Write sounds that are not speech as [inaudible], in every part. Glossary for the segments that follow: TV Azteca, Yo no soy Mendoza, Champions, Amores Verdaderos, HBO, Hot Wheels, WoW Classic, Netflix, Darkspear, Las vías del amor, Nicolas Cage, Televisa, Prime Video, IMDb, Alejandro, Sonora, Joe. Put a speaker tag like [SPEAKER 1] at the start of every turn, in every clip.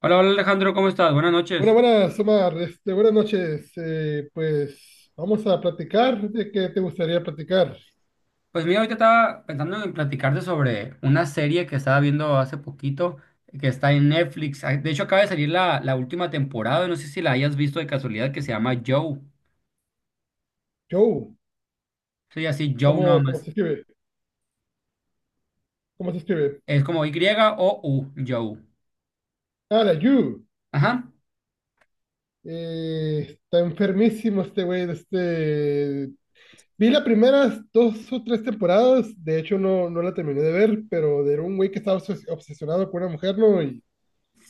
[SPEAKER 1] Hola, hola Alejandro, ¿cómo estás? Buenas
[SPEAKER 2] Buenas,
[SPEAKER 1] noches.
[SPEAKER 2] buenas, Omar. Buenas noches. Pues vamos a platicar de qué te gustaría platicar.
[SPEAKER 1] Pues mira, ahorita estaba pensando en platicarte sobre una serie que estaba viendo hace poquito, que está en Netflix. De hecho, acaba de salir la última temporada, no sé si la hayas visto de casualidad, que se llama Joe.
[SPEAKER 2] Joe,
[SPEAKER 1] Soy así, Joe nada
[SPEAKER 2] ¿cómo
[SPEAKER 1] más.
[SPEAKER 2] se escribe? ¿Cómo se escribe?
[SPEAKER 1] Es como Y-O-U, Joe.
[SPEAKER 2] Ah, la Yu.
[SPEAKER 1] Ajá.
[SPEAKER 2] Está enfermísimo este güey. Vi las primeras dos o tres temporadas. De hecho, no, no la terminé de ver, pero era un güey que estaba obsesionado con una mujer, ¿no?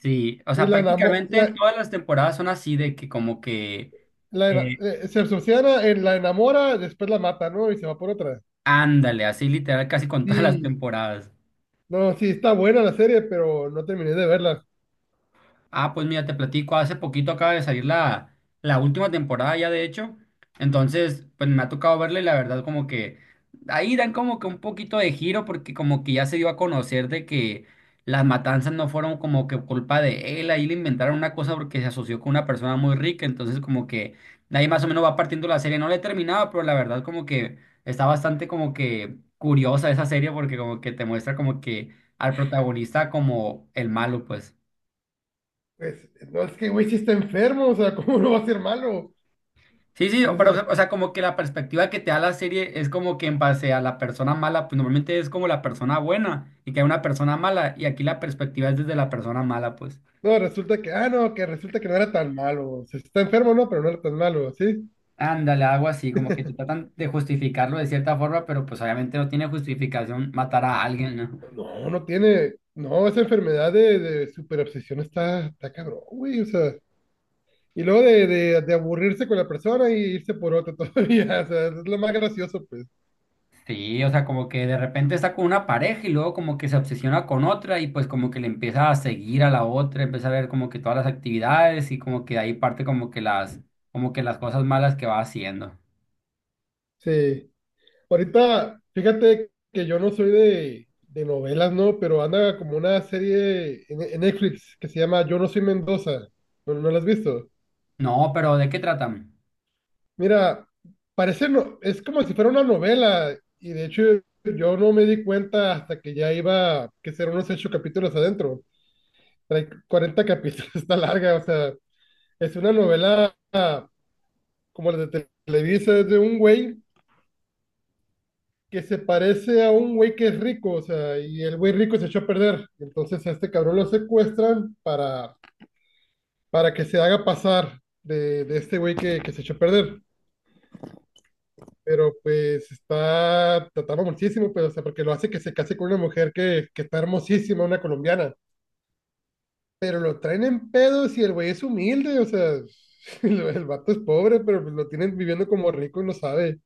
[SPEAKER 1] Sí, o
[SPEAKER 2] Y
[SPEAKER 1] sea,
[SPEAKER 2] la enamo-
[SPEAKER 1] prácticamente
[SPEAKER 2] la,
[SPEAKER 1] todas las temporadas son así de que como que,
[SPEAKER 2] la ena-
[SPEAKER 1] eh,
[SPEAKER 2] se obsesiona, la enamora, después la mata, ¿no? Y se va por otra.
[SPEAKER 1] ándale, así literal, casi con todas las
[SPEAKER 2] Sí.
[SPEAKER 1] temporadas.
[SPEAKER 2] No, sí, está buena la serie, pero no terminé de verla.
[SPEAKER 1] Ah, pues mira, te platico, hace poquito acaba de salir la última temporada ya de hecho, entonces pues me ha tocado verla y la verdad como que ahí dan como que un poquito de giro porque como que ya se dio a conocer de que las matanzas no fueron como que culpa de él, ahí le inventaron una cosa porque se asoció con una persona muy rica, entonces como que de ahí más o menos va partiendo la serie, no la he terminado, pero la verdad como que está bastante como que curiosa esa serie porque como que te muestra como que al protagonista como el malo pues.
[SPEAKER 2] Pues, no, es que, güey, sí está enfermo, o sea, [laughs] ¿cómo no va a ser malo?
[SPEAKER 1] Sí, sí,
[SPEAKER 2] Es-
[SPEAKER 1] pero
[SPEAKER 2] es-
[SPEAKER 1] o sea, como que la perspectiva que te da la serie es como que en base a la persona mala, pues normalmente es como la persona buena y que hay una persona mala y aquí la perspectiva es desde la persona mala, pues.
[SPEAKER 2] no, resulta que, no, que resulta que no era tan malo. O sea, está enfermo, no, pero no era tan malo, ¿sí?
[SPEAKER 1] Ándale, algo así, como que te tratan de justificarlo de cierta forma, pero pues obviamente no tiene justificación matar a alguien, ¿no?
[SPEAKER 2] No, no tiene, no, esa enfermedad de superobsesión está, está cabrón, güey, o sea. Y luego de aburrirse con la persona y irse por otra [laughs] todavía, o sea, es lo más gracioso, pues.
[SPEAKER 1] Sí, o sea, como que de repente está con una pareja y luego como que se obsesiona con otra y pues como que le empieza a seguir a la otra, empieza a ver como que todas las actividades y como que de ahí parte como que como que las cosas malas que va haciendo.
[SPEAKER 2] Sí. Ahorita, fíjate que yo no soy de novelas, ¿no? Pero anda como una serie en Netflix que se llama Yo no soy Mendoza. ¿No la has visto?
[SPEAKER 1] No, pero ¿de qué tratan?
[SPEAKER 2] Mira, parece no, es como si fuera una novela y de hecho yo no me di cuenta hasta que ya iba que ser unos ocho capítulos adentro. Trae 40 capítulos, [laughs] está larga, o sea, es una novela como la de Televisa, es de un güey que se parece a un güey que es rico, o sea, y el güey rico se echó a perder. Entonces a este cabrón lo secuestran para que se haga pasar de este güey que se echó a perder. Pero pues está tratado muchísimo, pero o sea, porque lo hace que se case con una mujer que está hermosísima, una colombiana. Pero lo traen en pedos y el güey es humilde, o sea, [laughs] el vato es pobre, pero pues lo tienen viviendo como rico y no sabe.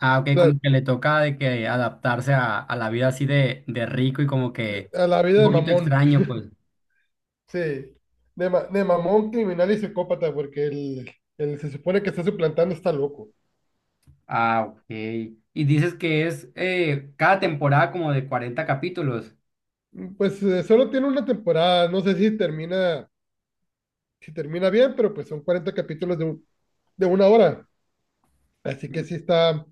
[SPEAKER 1] Ah, ok,
[SPEAKER 2] La-
[SPEAKER 1] como que le toca de que adaptarse a la vida así de rico y como que
[SPEAKER 2] a la
[SPEAKER 1] un
[SPEAKER 2] vida de
[SPEAKER 1] poquito
[SPEAKER 2] mamón.
[SPEAKER 1] extraño, pues.
[SPEAKER 2] Sí, de mamón, criminal y psicópata, porque el se supone que está suplantando está loco.
[SPEAKER 1] Ah, ok. Y dices que es cada temporada como de 40 capítulos.
[SPEAKER 2] Pues solo tiene una temporada, no sé si si termina bien, pero pues son 40 capítulos de una hora, así que sí está,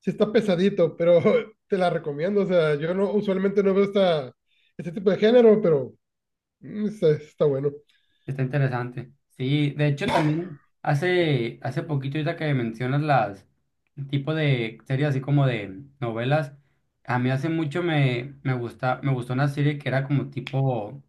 [SPEAKER 2] sí está pesadito, pero [laughs] te la recomiendo, o sea, yo no, usualmente no veo este tipo de género, pero está bueno,
[SPEAKER 1] Está interesante. Sí, de hecho también hace poquito ahorita que mencionas las el tipo de series así como de novelas, a mí hace mucho me gusta, me gustó una serie que era como tipo.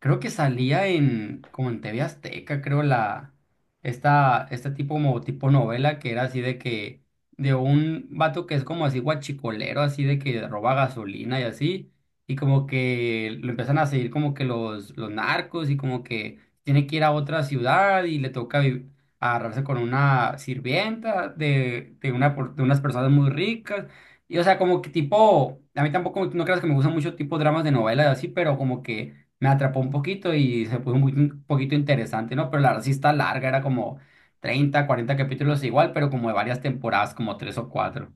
[SPEAKER 1] Creo que salía en, como en TV Azteca, creo, este tipo como tipo novela que era así de que, de un vato que es como así guachicolero, así de que roba gasolina y así, y como que lo empiezan a seguir como que los narcos y como que tiene que ir a otra ciudad y le toca agarrarse con una sirvienta una, de unas personas muy ricas. Y o sea, como que tipo, a mí tampoco, no creas que me gustan mucho tipo dramas de novelas y así, pero como que me atrapó un poquito y se puso muy- un poquito interesante, ¿no? Pero la verdad sí está larga, era como 30 40 capítulos igual, pero como de varias temporadas, como tres o cuatro.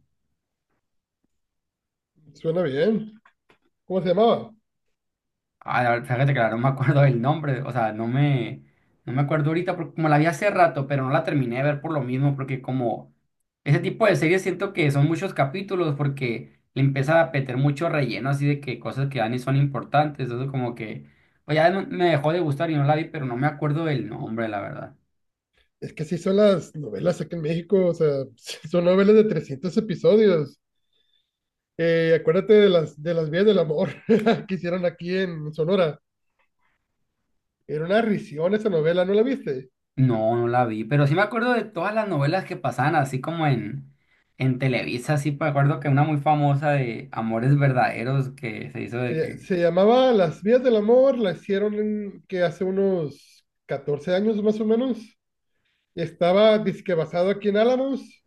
[SPEAKER 2] suena bien. ¿Cómo se llamaba?
[SPEAKER 1] Ah, la verdad, fíjate que ahora no me [laughs] acuerdo del nombre, o sea, no me acuerdo ahorita, porque como la vi hace rato, pero no la terminé de ver por lo mismo, porque como ese tipo de series siento que son muchos capítulos, porque le empieza a meter mucho relleno, así de que cosas que dan y son importantes, entonces como que, pues me dejó de gustar y no la vi, pero no me acuerdo del nombre, la verdad.
[SPEAKER 2] Es que sí son las novelas aquí en México, o sea, [laughs] son novelas de 300 episodios. Acuérdate de las vías del amor [laughs] que hicieron aquí en Sonora. Era una risión esa novela, ¿no la viste?
[SPEAKER 1] No, no la vi, pero sí me acuerdo de todas las novelas que pasaban así como en Televisa, sí me acuerdo que una muy famosa de Amores Verdaderos que se hizo de
[SPEAKER 2] Se,
[SPEAKER 1] que,
[SPEAKER 2] se llamaba Las vías del amor, la hicieron que hace unos 14 años más o menos. Estaba disque basado aquí en Álamos,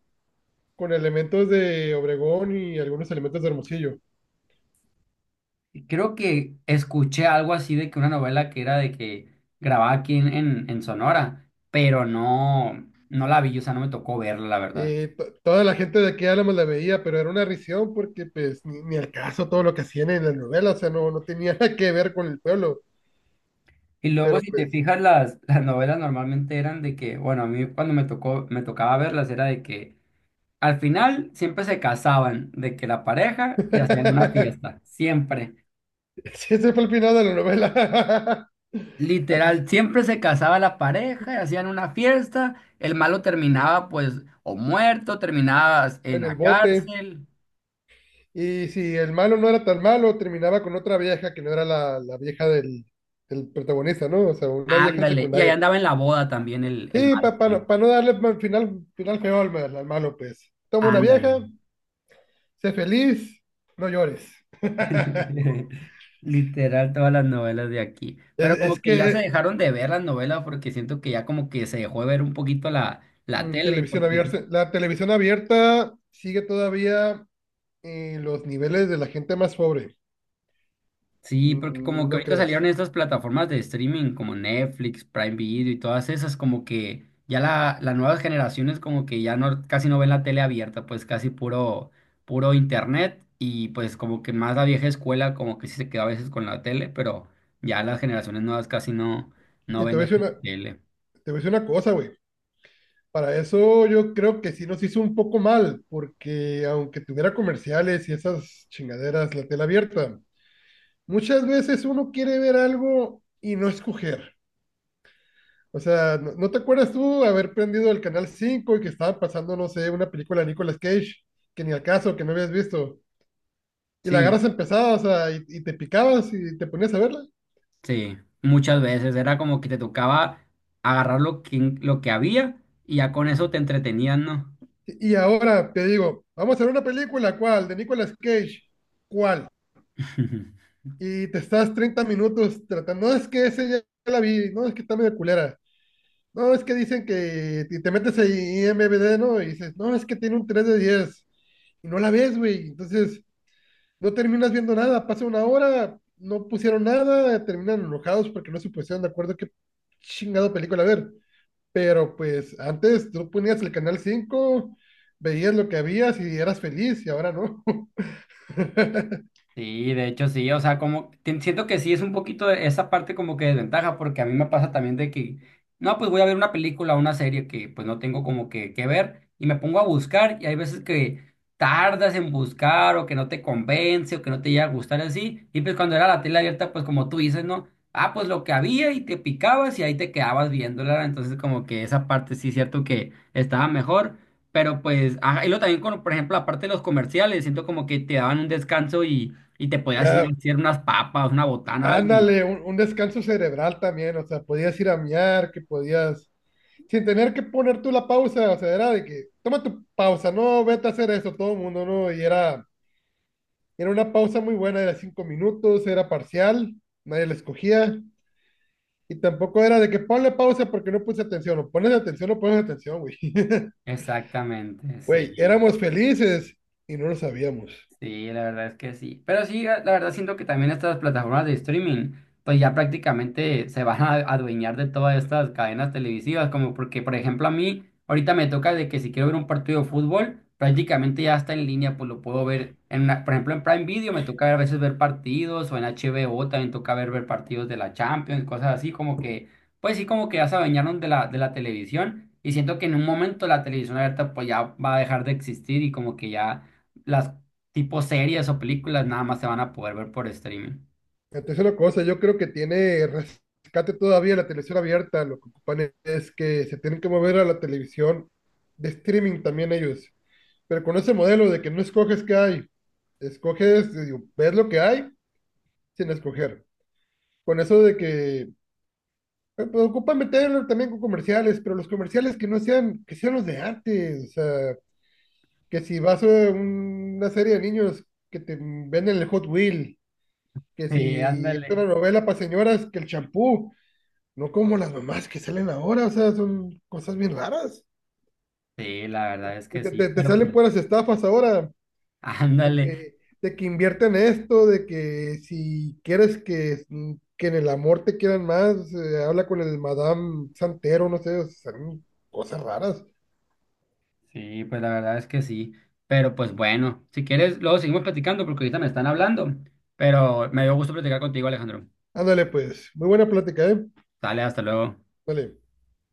[SPEAKER 2] con elementos de Obregón y algunos elementos de Hermosillo.
[SPEAKER 1] creo que escuché algo así de que una novela que era de que grababa aquí en Sonora, pero no, no la vi, o sea, no me tocó verla, la verdad.
[SPEAKER 2] Toda la gente de aquí de Álamos la veía, pero era una risión porque pues ni al caso todo lo que hacían en la novela, o sea, no tenía [laughs] nada que ver con el pueblo,
[SPEAKER 1] Y luego
[SPEAKER 2] pero
[SPEAKER 1] si te
[SPEAKER 2] pues...
[SPEAKER 1] fijas, [laughs] las novelas normalmente eran de que, bueno, a mí cuando me tocó, me tocaba verlas era de que. Al final siempre se casaban de que la pareja y hacían una
[SPEAKER 2] [laughs]
[SPEAKER 1] fiesta, siempre.
[SPEAKER 2] [laughs] Sí, ese fue el final de la novela. [laughs] Así se
[SPEAKER 1] Literal, siempre se casaba la pareja y hacían una fiesta. El malo terminaba pues o muerto, terminaba
[SPEAKER 2] fue
[SPEAKER 1] en
[SPEAKER 2] en el
[SPEAKER 1] la
[SPEAKER 2] bote.
[SPEAKER 1] cárcel.
[SPEAKER 2] Y si el malo no era tan malo, terminaba con otra vieja que no era la vieja del protagonista, ¿no? O sea, una vieja
[SPEAKER 1] Ándale. Y ahí
[SPEAKER 2] secundaria.
[SPEAKER 1] andaba en la boda también el
[SPEAKER 2] Sí,
[SPEAKER 1] malo
[SPEAKER 2] para
[SPEAKER 1] también.
[SPEAKER 2] no, pa no darle final feo al malo, pues. Toma una
[SPEAKER 1] Ándale.
[SPEAKER 2] vieja, sé feliz, no llores. [laughs]
[SPEAKER 1] [laughs] Literal, todas las novelas de aquí.
[SPEAKER 2] Es,
[SPEAKER 1] Pero como
[SPEAKER 2] es
[SPEAKER 1] que ya se
[SPEAKER 2] que
[SPEAKER 1] dejaron de ver las novelas porque siento que ya como que se dejó de ver un poquito la tele
[SPEAKER 2] televisión
[SPEAKER 1] porque sí.
[SPEAKER 2] abierta, la televisión abierta sigue todavía en los niveles de la gente más pobre.
[SPEAKER 1] Sí, porque como que
[SPEAKER 2] No
[SPEAKER 1] ahorita
[SPEAKER 2] creas.
[SPEAKER 1] salieron estas plataformas de streaming como Netflix, Prime Video y todas esas, como que ya las nuevas generaciones como que ya no, casi no ven la tele abierta, pues casi puro internet y pues como que más la vieja escuela como que sí se queda a veces con la tele, pero ya las generaciones nuevas casi no, no
[SPEAKER 2] Y te
[SPEAKER 1] ven
[SPEAKER 2] voy a
[SPEAKER 1] esa
[SPEAKER 2] decir una, te
[SPEAKER 1] tele.
[SPEAKER 2] voy a decir una cosa, güey. Para eso yo creo que sí nos hizo un poco mal, porque aunque tuviera comerciales y esas chingaderas, la tela abierta, muchas veces uno quiere ver algo y no escoger. O sea, ¿no te acuerdas tú haber prendido el canal 5 y que estaba pasando, no sé, una película de Nicolas Cage, que ni al caso, que no habías visto? Y la
[SPEAKER 1] Sí,
[SPEAKER 2] agarras empezada, o sea, y te picabas y te ponías a verla.
[SPEAKER 1] sí, muchas veces era como que te tocaba agarrar lo que había y ya con eso te entretenían, ¿no?
[SPEAKER 2] Y ahora te digo, vamos a ver una película, ¿cuál? De Nicolas Cage, ¿cuál?
[SPEAKER 1] [laughs]
[SPEAKER 2] Y te estás 30 minutos tratando, no es que ese ya la vi, no es que está medio culera, no es que dicen que y te metes a IMBD, ¿no? Y dices, no, es que tiene un 3 de 10 y no la ves, güey, entonces no terminas viendo nada, pasa una hora, no pusieron nada, terminan enojados porque no se pusieron de acuerdo qué chingado película ver. Pero pues antes tú ponías el canal 5 veías lo que habías y eras feliz y ahora no. [laughs]
[SPEAKER 1] Sí, de hecho sí, o sea, como siento que sí es un poquito de esa parte como que desventaja, porque a mí me pasa también de que, no, pues voy a ver una película o una serie que pues no tengo como que ver y me pongo a buscar y hay veces que tardas en buscar o que no te convence o que no te llega a gustar así y pues cuando era la tele abierta pues como tú dices, ¿no? Ah, pues lo que había y te picabas y ahí te quedabas viéndola, entonces como que esa parte sí es cierto que estaba mejor. Pero pues, ajá, y lo también con, por ejemplo, la parte de los comerciales, siento como que te daban un descanso y te podías ir
[SPEAKER 2] ah,
[SPEAKER 1] a hacer unas papas, una botana, algo. Y-
[SPEAKER 2] Ándale, un descanso cerebral también, o sea, podías ir a miar, que podías, sin tener que poner tú la pausa, o sea, era de que, toma tu pausa, no, vete a hacer eso, todo el mundo, ¿no? Y era, una pausa muy buena, era 5 minutos, era parcial, nadie la escogía, y tampoco era de que ponle pausa porque no puse atención, o pones atención o pones atención, güey. [laughs]
[SPEAKER 1] Exactamente,
[SPEAKER 2] Güey,
[SPEAKER 1] sí.
[SPEAKER 2] éramos felices y no lo sabíamos.
[SPEAKER 1] Sí, la verdad es que sí. Pero sí, la verdad siento que también estas plataformas de streaming, pues ya prácticamente se van a adueñar de todas estas cadenas televisivas, como porque, por ejemplo, a mí ahorita me toca de que si quiero ver un partido de fútbol, prácticamente ya está en línea, pues lo puedo ver en una- por ejemplo, en Prime Video me toca a veces ver partidos o en HBO también toca ver partidos de la Champions, cosas así, como que, pues sí, como que ya se adueñaron de la televisión y siento que en un momento la televisión abierta pues ya va a dejar de existir y como que ya las tipo series o películas nada más se van a poder ver por streaming.
[SPEAKER 2] La tercera cosa, yo creo que tiene rescate todavía la televisión abierta. Lo que ocupan es que se tienen que mover a la televisión de streaming también ellos. Pero con ese modelo de que no escoges qué hay, escoges, digo, ves lo que hay sin escoger. Con eso de que pues, ocupan meterlo también con comerciales, pero los comerciales que no sean, que sean los de antes. O sea, que si vas a una serie de niños que te venden el Hot Wheel, que
[SPEAKER 1] Sí,
[SPEAKER 2] si es
[SPEAKER 1] ándale.
[SPEAKER 2] una novela para señoras, que el champú. No como las mamás que salen ahora, o sea, son cosas bien raras.
[SPEAKER 1] Sí, la verdad es
[SPEAKER 2] Te,
[SPEAKER 1] que
[SPEAKER 2] te-
[SPEAKER 1] sí,
[SPEAKER 2] te
[SPEAKER 1] pero
[SPEAKER 2] salen
[SPEAKER 1] pues,
[SPEAKER 2] puras estafas ahora,
[SPEAKER 1] [laughs]
[SPEAKER 2] de
[SPEAKER 1] ándale.
[SPEAKER 2] que, de que invierten esto, de que si quieres que en el amor te quieran más, habla con el Madame Santero, no sé, o sea, son cosas raras.
[SPEAKER 1] Sí, pues la verdad es que sí. Pero pues bueno, si quieres, luego seguimos platicando porque ahorita me están hablando. Pero me dio gusto platicar contigo, Alejandro.
[SPEAKER 2] Ándale, pues, muy buena plática, ¿eh?
[SPEAKER 1] Dale, hasta luego.
[SPEAKER 2] Dale.